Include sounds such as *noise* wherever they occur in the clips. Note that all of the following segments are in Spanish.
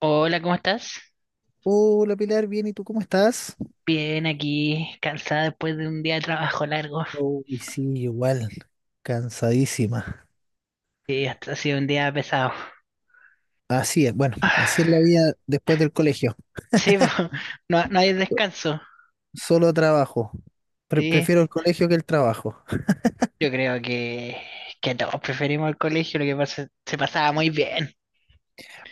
Hola, ¿cómo estás? Hola Pilar, bien, ¿y tú cómo estás? Bien, aquí cansada después de un día de trabajo largo. Uy, sí, igual, cansadísima. Sí, hasta ha sido un día pesado. *sighs* Así es, bueno, Ah, así es la vida después del colegio. sí, po, *laughs* no, no hay descanso. Solo trabajo. Sí, Prefiero el colegio que el trabajo. yo creo que todos preferimos el colegio, lo que pasa, se pasaba muy bien.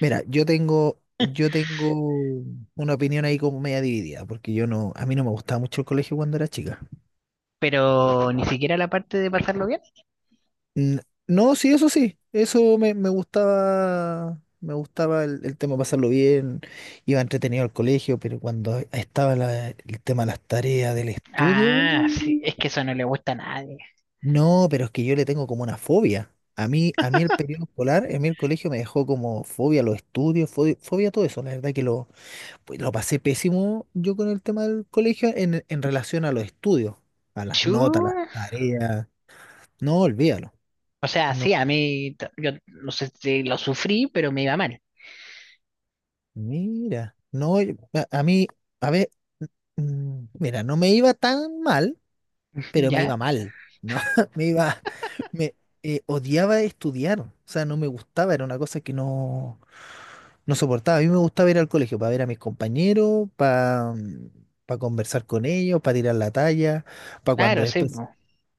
Mira, yo tengo una opinión ahí como media dividida, porque yo no, a mí no me gustaba mucho el colegio cuando era chica. Pero ni siquiera la parte de pasarlo bien. N- No, sí, eso sí, eso me gustaba el tema pasarlo bien, iba entretenido al colegio, pero cuando estaba el tema de las tareas del estudio, Ah, sí, uh, es que eso no le gusta a nadie. No, pero es que yo le tengo como una fobia. A mí el periodo escolar, a mí el colegio me dejó como fobia a los estudios, fobia, fobia a todo eso. La verdad que pues, lo pasé pésimo yo con el tema del colegio en relación a los estudios, a las notas, a las Chu. tareas. No, olvídalo. O sea, No, sí, a mí, yo no sé si lo sufrí, pero me iba mal. mira, no, a mí, a ver, mira, no me iba tan mal, *laughs* pero me ¿Ya? iba mal, ¿no? *laughs* Me iba, me Odiaba estudiar, o sea, no me gustaba, era una cosa que no, no soportaba. A mí me gustaba ir al colegio para ver a mis compañeros, para conversar con ellos, para tirar la talla, para cuando Claro, sí, po.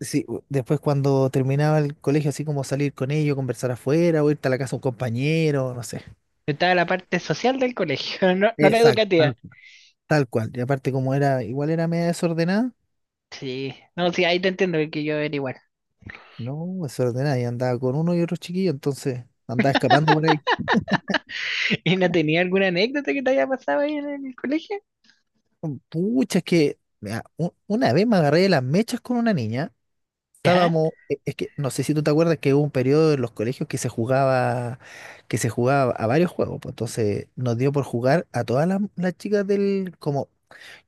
después, cuando terminaba el colegio, así como salir con ellos, conversar afuera, o irte a la casa de un compañero, no sé. Yo, estaba la parte social del colegio, *laughs* no, no la Exacto, educativa. tal cual. Y aparte, como era, igual era media desordenada, Sí, no, sí, ahí te entiendo que yo era igual. no, desordenada, y andaba con uno y otro chiquillo, entonces andaba *laughs* escapando por ahí. ¿Y no tenía alguna anécdota que te haya pasado ahí en el colegio? Pucha, es que mira, una vez me agarré de las mechas con una niña. Ya, Es que no sé si tú te acuerdas que hubo un periodo en los colegios que se jugaba a varios juegos, pues entonces nos dio por jugar a todas las chicas del, como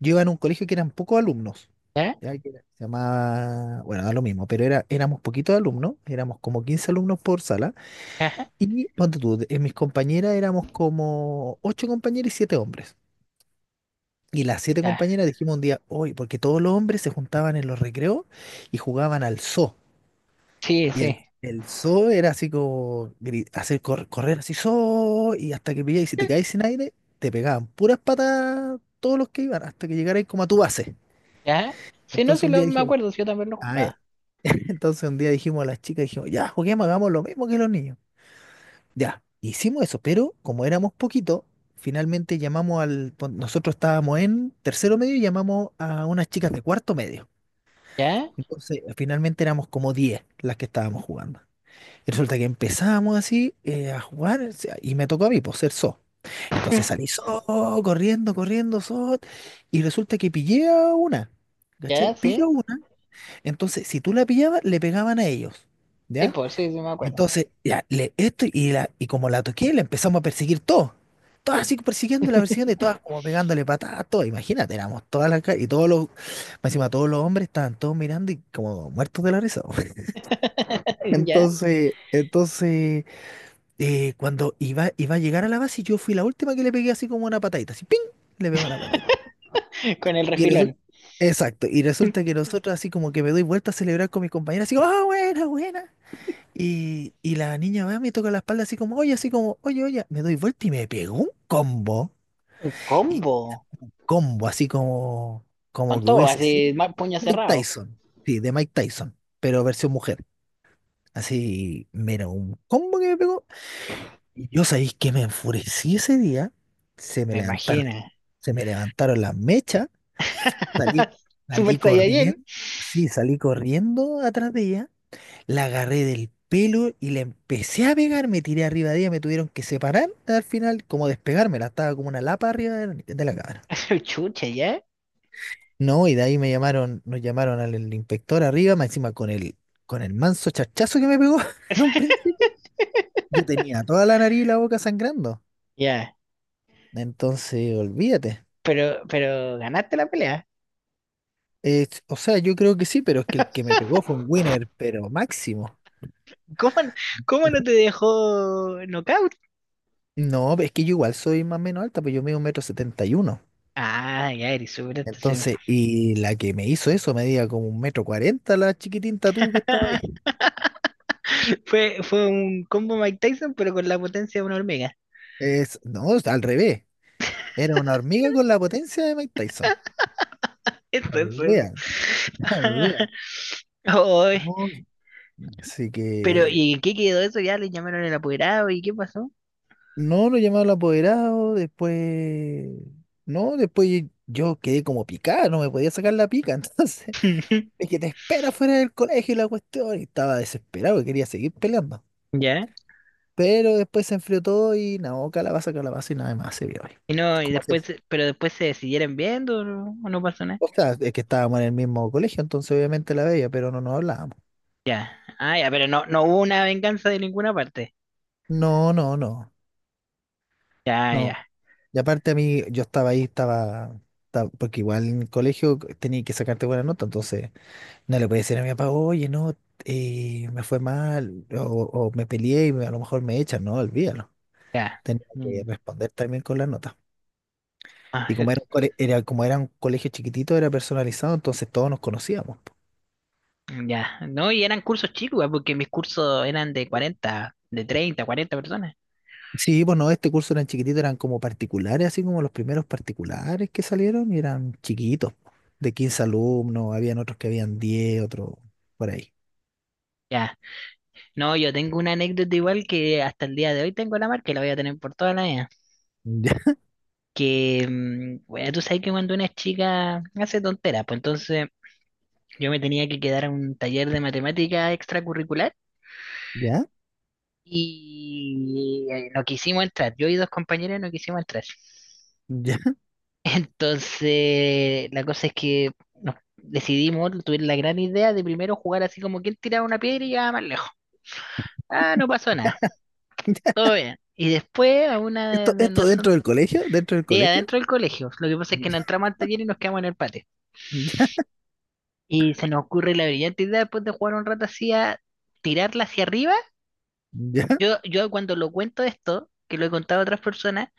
yo iba en un colegio que eran pocos alumnos. ya, Se llamaba, bueno, da lo mismo, pero éramos poquitos alumnos, éramos como 15 alumnos por sala. ajá, Y ponte tú, en mis compañeras éramos como ocho compañeras y siete hombres. Y las siete ya. compañeras dijimos un día, hoy, porque todos los hombres se juntaban en los recreos y jugaban al zoo. Sí, Y sí, el zoo era así como hacer correr así, zoo, y hasta que pilláis, y si te caes sin aire, te pegaban puras patas todos los que iban, hasta que llegarais como a tu base. ya. Sí, no, Entonces sí, un lo, día me dijimos, acuerdo, sí, yo también lo ah, ya. jugaba. *laughs* Entonces un día dijimos a las chicas, dijimos, ya, juguemos, hagamos lo mismo que los niños. Ya, hicimos eso, pero como éramos poquito, finalmente llamamos al... Nosotros estábamos en tercero medio y llamamos a unas chicas de cuarto medio. Ya, Entonces, finalmente éramos como 10 las que estábamos jugando. Y resulta que empezamos así a jugar, o sea, y me tocó a mí, por ser so. Entonces *laughs* salí so, corriendo, corriendo, so, y resulta que pillé a una. ¿Cachai? ya, Pilló a sí. una. Entonces, si tú la pillabas, le pegaban a ellos. Sí, ¿Ya? pues, sí, sí, me acuerdo. Entonces, ya, le, esto y, la, y como la toqué, la empezamos a perseguir todos. Todas así persiguiéndola, persiguiendo y todas como pegándole patadas, todo. Imagínate, éramos todas las ca- y todos los, más encima todos los hombres estaban todos mirando y como muertos de la risa. *laughs* *laughs* Ya, Entonces, cuando iba a llegar a la base, yo fui la última que le pegué así como una patadita, así, ¡ping! Le pegó una patadita. con el Y resulta, refilón. exacto, y resulta que nosotros, así como que me doy vuelta a celebrar con mis compañeros, así como, ¡ah, buena, buena! Y la niña va, me toca la espalda así como, oye, oye, me doy vuelta y me pegó un combo. Un Y combo. combo, así como, Con como que todo, hubiese sido así, puño Mike cerrado. Tyson. Sí, de Mike Tyson, pero versión mujer. Así, mira, un combo que me pegó. Y yo sabéis que me enfurecí ese día. Se me Me levantaron, imagino. se me levantaron las mechas. Salí, *laughs* Super salí Saiyajin. corriendo. Sí, salí corriendo atrás de ella. La agarré del pelo y la empecé a pegar, me tiré arriba de ella, me tuvieron que separar al final, como despegármela, estaba como una lapa arriba de la cámara. *laughs* Chucha, ya, No, y de ahí me llamaron, nos llamaron al, al inspector arriba, más encima con el manso chachazo que me pegó *laughs* en un principio. Yo tenía toda la nariz y la boca sangrando. ya. Entonces, olvídate. Pero ganaste la pelea. O sea, yo creo que sí, pero es que el que me pegó fue un winner, pero máximo. ¿Cómo, no- Cómo no te dejó knockout? No, es que yo igual soy más o menos alta, pues yo mido 1,71 m. Ah, ya, eres súper. Entonces, y la que me hizo eso medía como 1,40 m la chiquitinta tú que estaba ahí. *laughs* Fue un combo Mike Tyson, pero con la potencia de una hormiga. Es, no, es al revés. Era una hormiga con la potencia de Mike Tyson. *laughs* Eso es, eso. Olvídalo, *laughs* olvídalo. *laughs* Ay, No, así pero que ¿y en qué quedó eso? Ya le llamaron el apoderado. ¿Y qué pasó? no lo llamaron al apoderado, después no, después yo quedé como picado, no me podía sacar la pica, *laughs* entonces es que te espera fuera del colegio y la cuestión, y estaba desesperado y quería seguir peleando. Ya. Pero después se enfrió todo y no, calabaza, calabaza y nada más se vio hoy. Y no, y después, pero después se siguieron viendo o no pasó nada. O sea, es que estábamos en el mismo colegio, entonces obviamente la veía, pero no nos hablábamos. Ya. Ah, ya, pero no, no hubo una venganza de ninguna parte. No, no, no, Ya, ya, no. Y aparte a mí, yo estaba ahí, porque igual en el colegio tenía que sacarte buena nota, entonces no le podía decir a mi papá, oye, no, me fue mal, o me peleé y me- a lo mejor me echan, no, olvídalo. ya. Tenía que Mm. responder también con la nota. Ah, Y como era un como era un colegio chiquitito, era personalizado, entonces todos nos conocíamos. ya. No, y eran cursos chicos, ah, porque mis cursos eran de 40, de 30, 40 personas. Sí, bueno, este curso eran chiquititos, eran como particulares, así como los primeros particulares que salieron y eran chiquitos, po, de 15 alumnos, habían otros que habían 10, otros por ahí. Ya. No, yo tengo una anécdota igual que hasta el día de hoy tengo la marca y la voy a tener por toda la vida. Ya, Que, bueno, tú sabes que cuando una chica hace tonteras, pues entonces yo me tenía que quedar a un taller de matemática extracurricular ya, y no quisimos entrar. Yo y dos compañeros no quisimos entrar. *laughs* ya. Entonces, la cosa es que nos decidimos, tuvimos la gran idea de primero jugar así como quien tiraba una piedra y llegaba más lejos. Ah, no pasó nada, *laughs* todo bien. Y después a una Esto, de, esto nosotros. dentro del colegio, dentro del Sí, colegio. adentro del colegio. Lo que pasa es que Ya, no entramos al taller y nos quedamos en el patio. *laughs* ya, Y se nos ocurre la brillante idea después de jugar un rato así a tirarla hacia arriba. ya, Yo cuando lo cuento esto, que lo he contado a otras personas,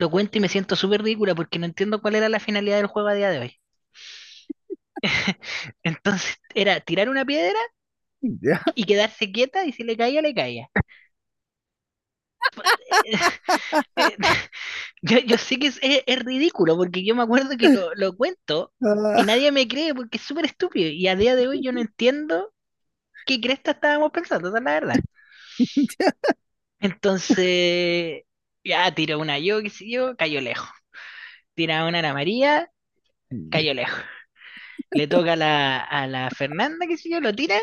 lo cuento y me siento súper ridícula porque no entiendo cuál era la finalidad del juego a día de hoy. *laughs* Entonces era tirar una piedra ya. y quedarse quieta y si le caía, le caía. Eh, *laughs* yo sé que es, es ridículo porque yo me acuerdo que lo cuento y Ah, nadie me cree porque es súper estúpido. Y a día de hoy yo no entiendo qué cresta estábamos pensando, esa es la verdad. Entonces, ya tiró una yo, qué sé yo, cayó lejos. Tira una a la María, *laughs* cayó lejos. Le toca a la Fernanda, qué sé yo, lo tira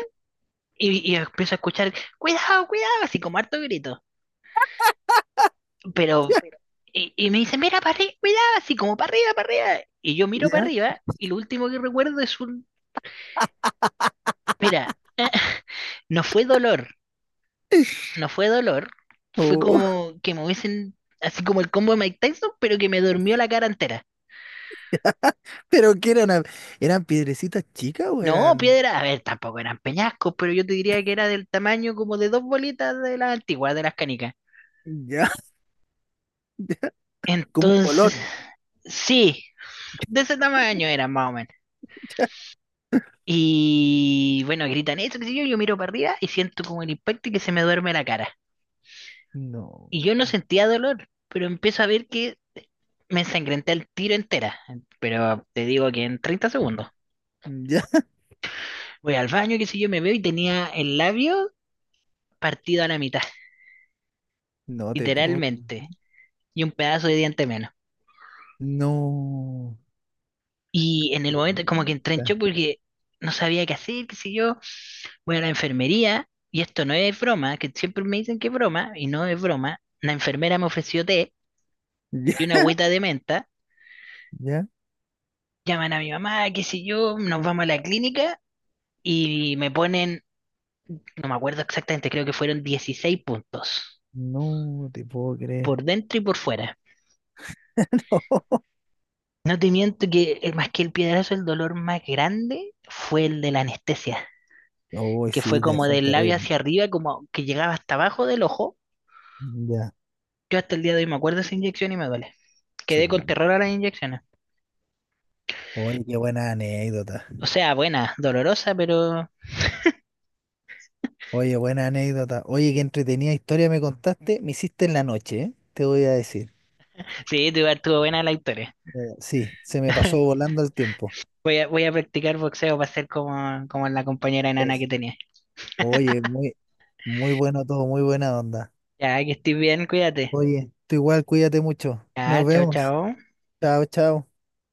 y empiezo a escuchar, cuidado, cuidado, así como harto grito. Pero, ya, y me dice, mira para arriba, cuidado, así como para arriba, para arriba. Y yo miro para ya, arriba y lo último que recuerdo es un, mira, *laughs* no fue dolor, no fue dolor, fue oh, como que me hubiesen, así como el combo de Mike Tyson, pero que me durmió *laughs* la cara entera. pero que eran, a- eran piedrecitas chicas o No, eran piedra, a ver, tampoco eran peñascos, pero yo te diría que era del tamaño como de dos bolitas de las antiguas, de las canicas. ya, *laughs* ya, como un Entonces, colón. sí, de ese tamaño era más o menos. *laughs* Ya, Y bueno, gritan eso, qué sé yo, yo miro para arriba y siento como el impacto y que se me duerme la cara. no, Y yo no sentía dolor, pero empiezo a ver que me ensangrenté el tiro entera. Pero te digo que en 30 segundos. ya, Voy al baño, qué sé yo, me veo y tenía el labio partido a la mitad, no te puedo creer. literalmente, y un pedazo de diente menos. No. Y en el momento como que entré en Chuta. shock porque no sabía qué hacer, qué sé yo, voy a la enfermería, y esto no es broma, que siempre me dicen que es broma, y no es broma, la enfermera me ofreció té Ya, y una agüita de menta, ya. llaman a mi mamá, qué sé yo, nos vamos a la clínica y me ponen, no me acuerdo exactamente, creo que fueron 16 puntos, No te puedo creer. por dentro y por fuera. *laughs* No te miento que más que el piedrazo, el dolor más grande fue el de la anestesia, Uy, que fue sí, te- como son del labio terribles. hacia arriba, como que llegaba hasta abajo del ojo. Ya. Yo hasta el día de hoy me acuerdo de esa inyección y me duele. Chu. Quedé con terror a las inyecciones. Oye, qué buena anécdota. O sea, buena, dolorosa, pero Oye, buena anécdota. Oye, qué entretenida historia me contaste. Me hiciste en la noche, ¿eh? Te voy a decir. sí, estuvo buena la historia. Sí, se me pasó volando el tiempo. Voy a practicar boxeo para ser como la compañera enana que Es. tenía. Oye, muy, muy bueno todo, muy buena onda. Ya, que estés bien, cuídate. Oye, tú igual, cuídate mucho. Ya, Nos chao, vemos. chao. Chao, chao.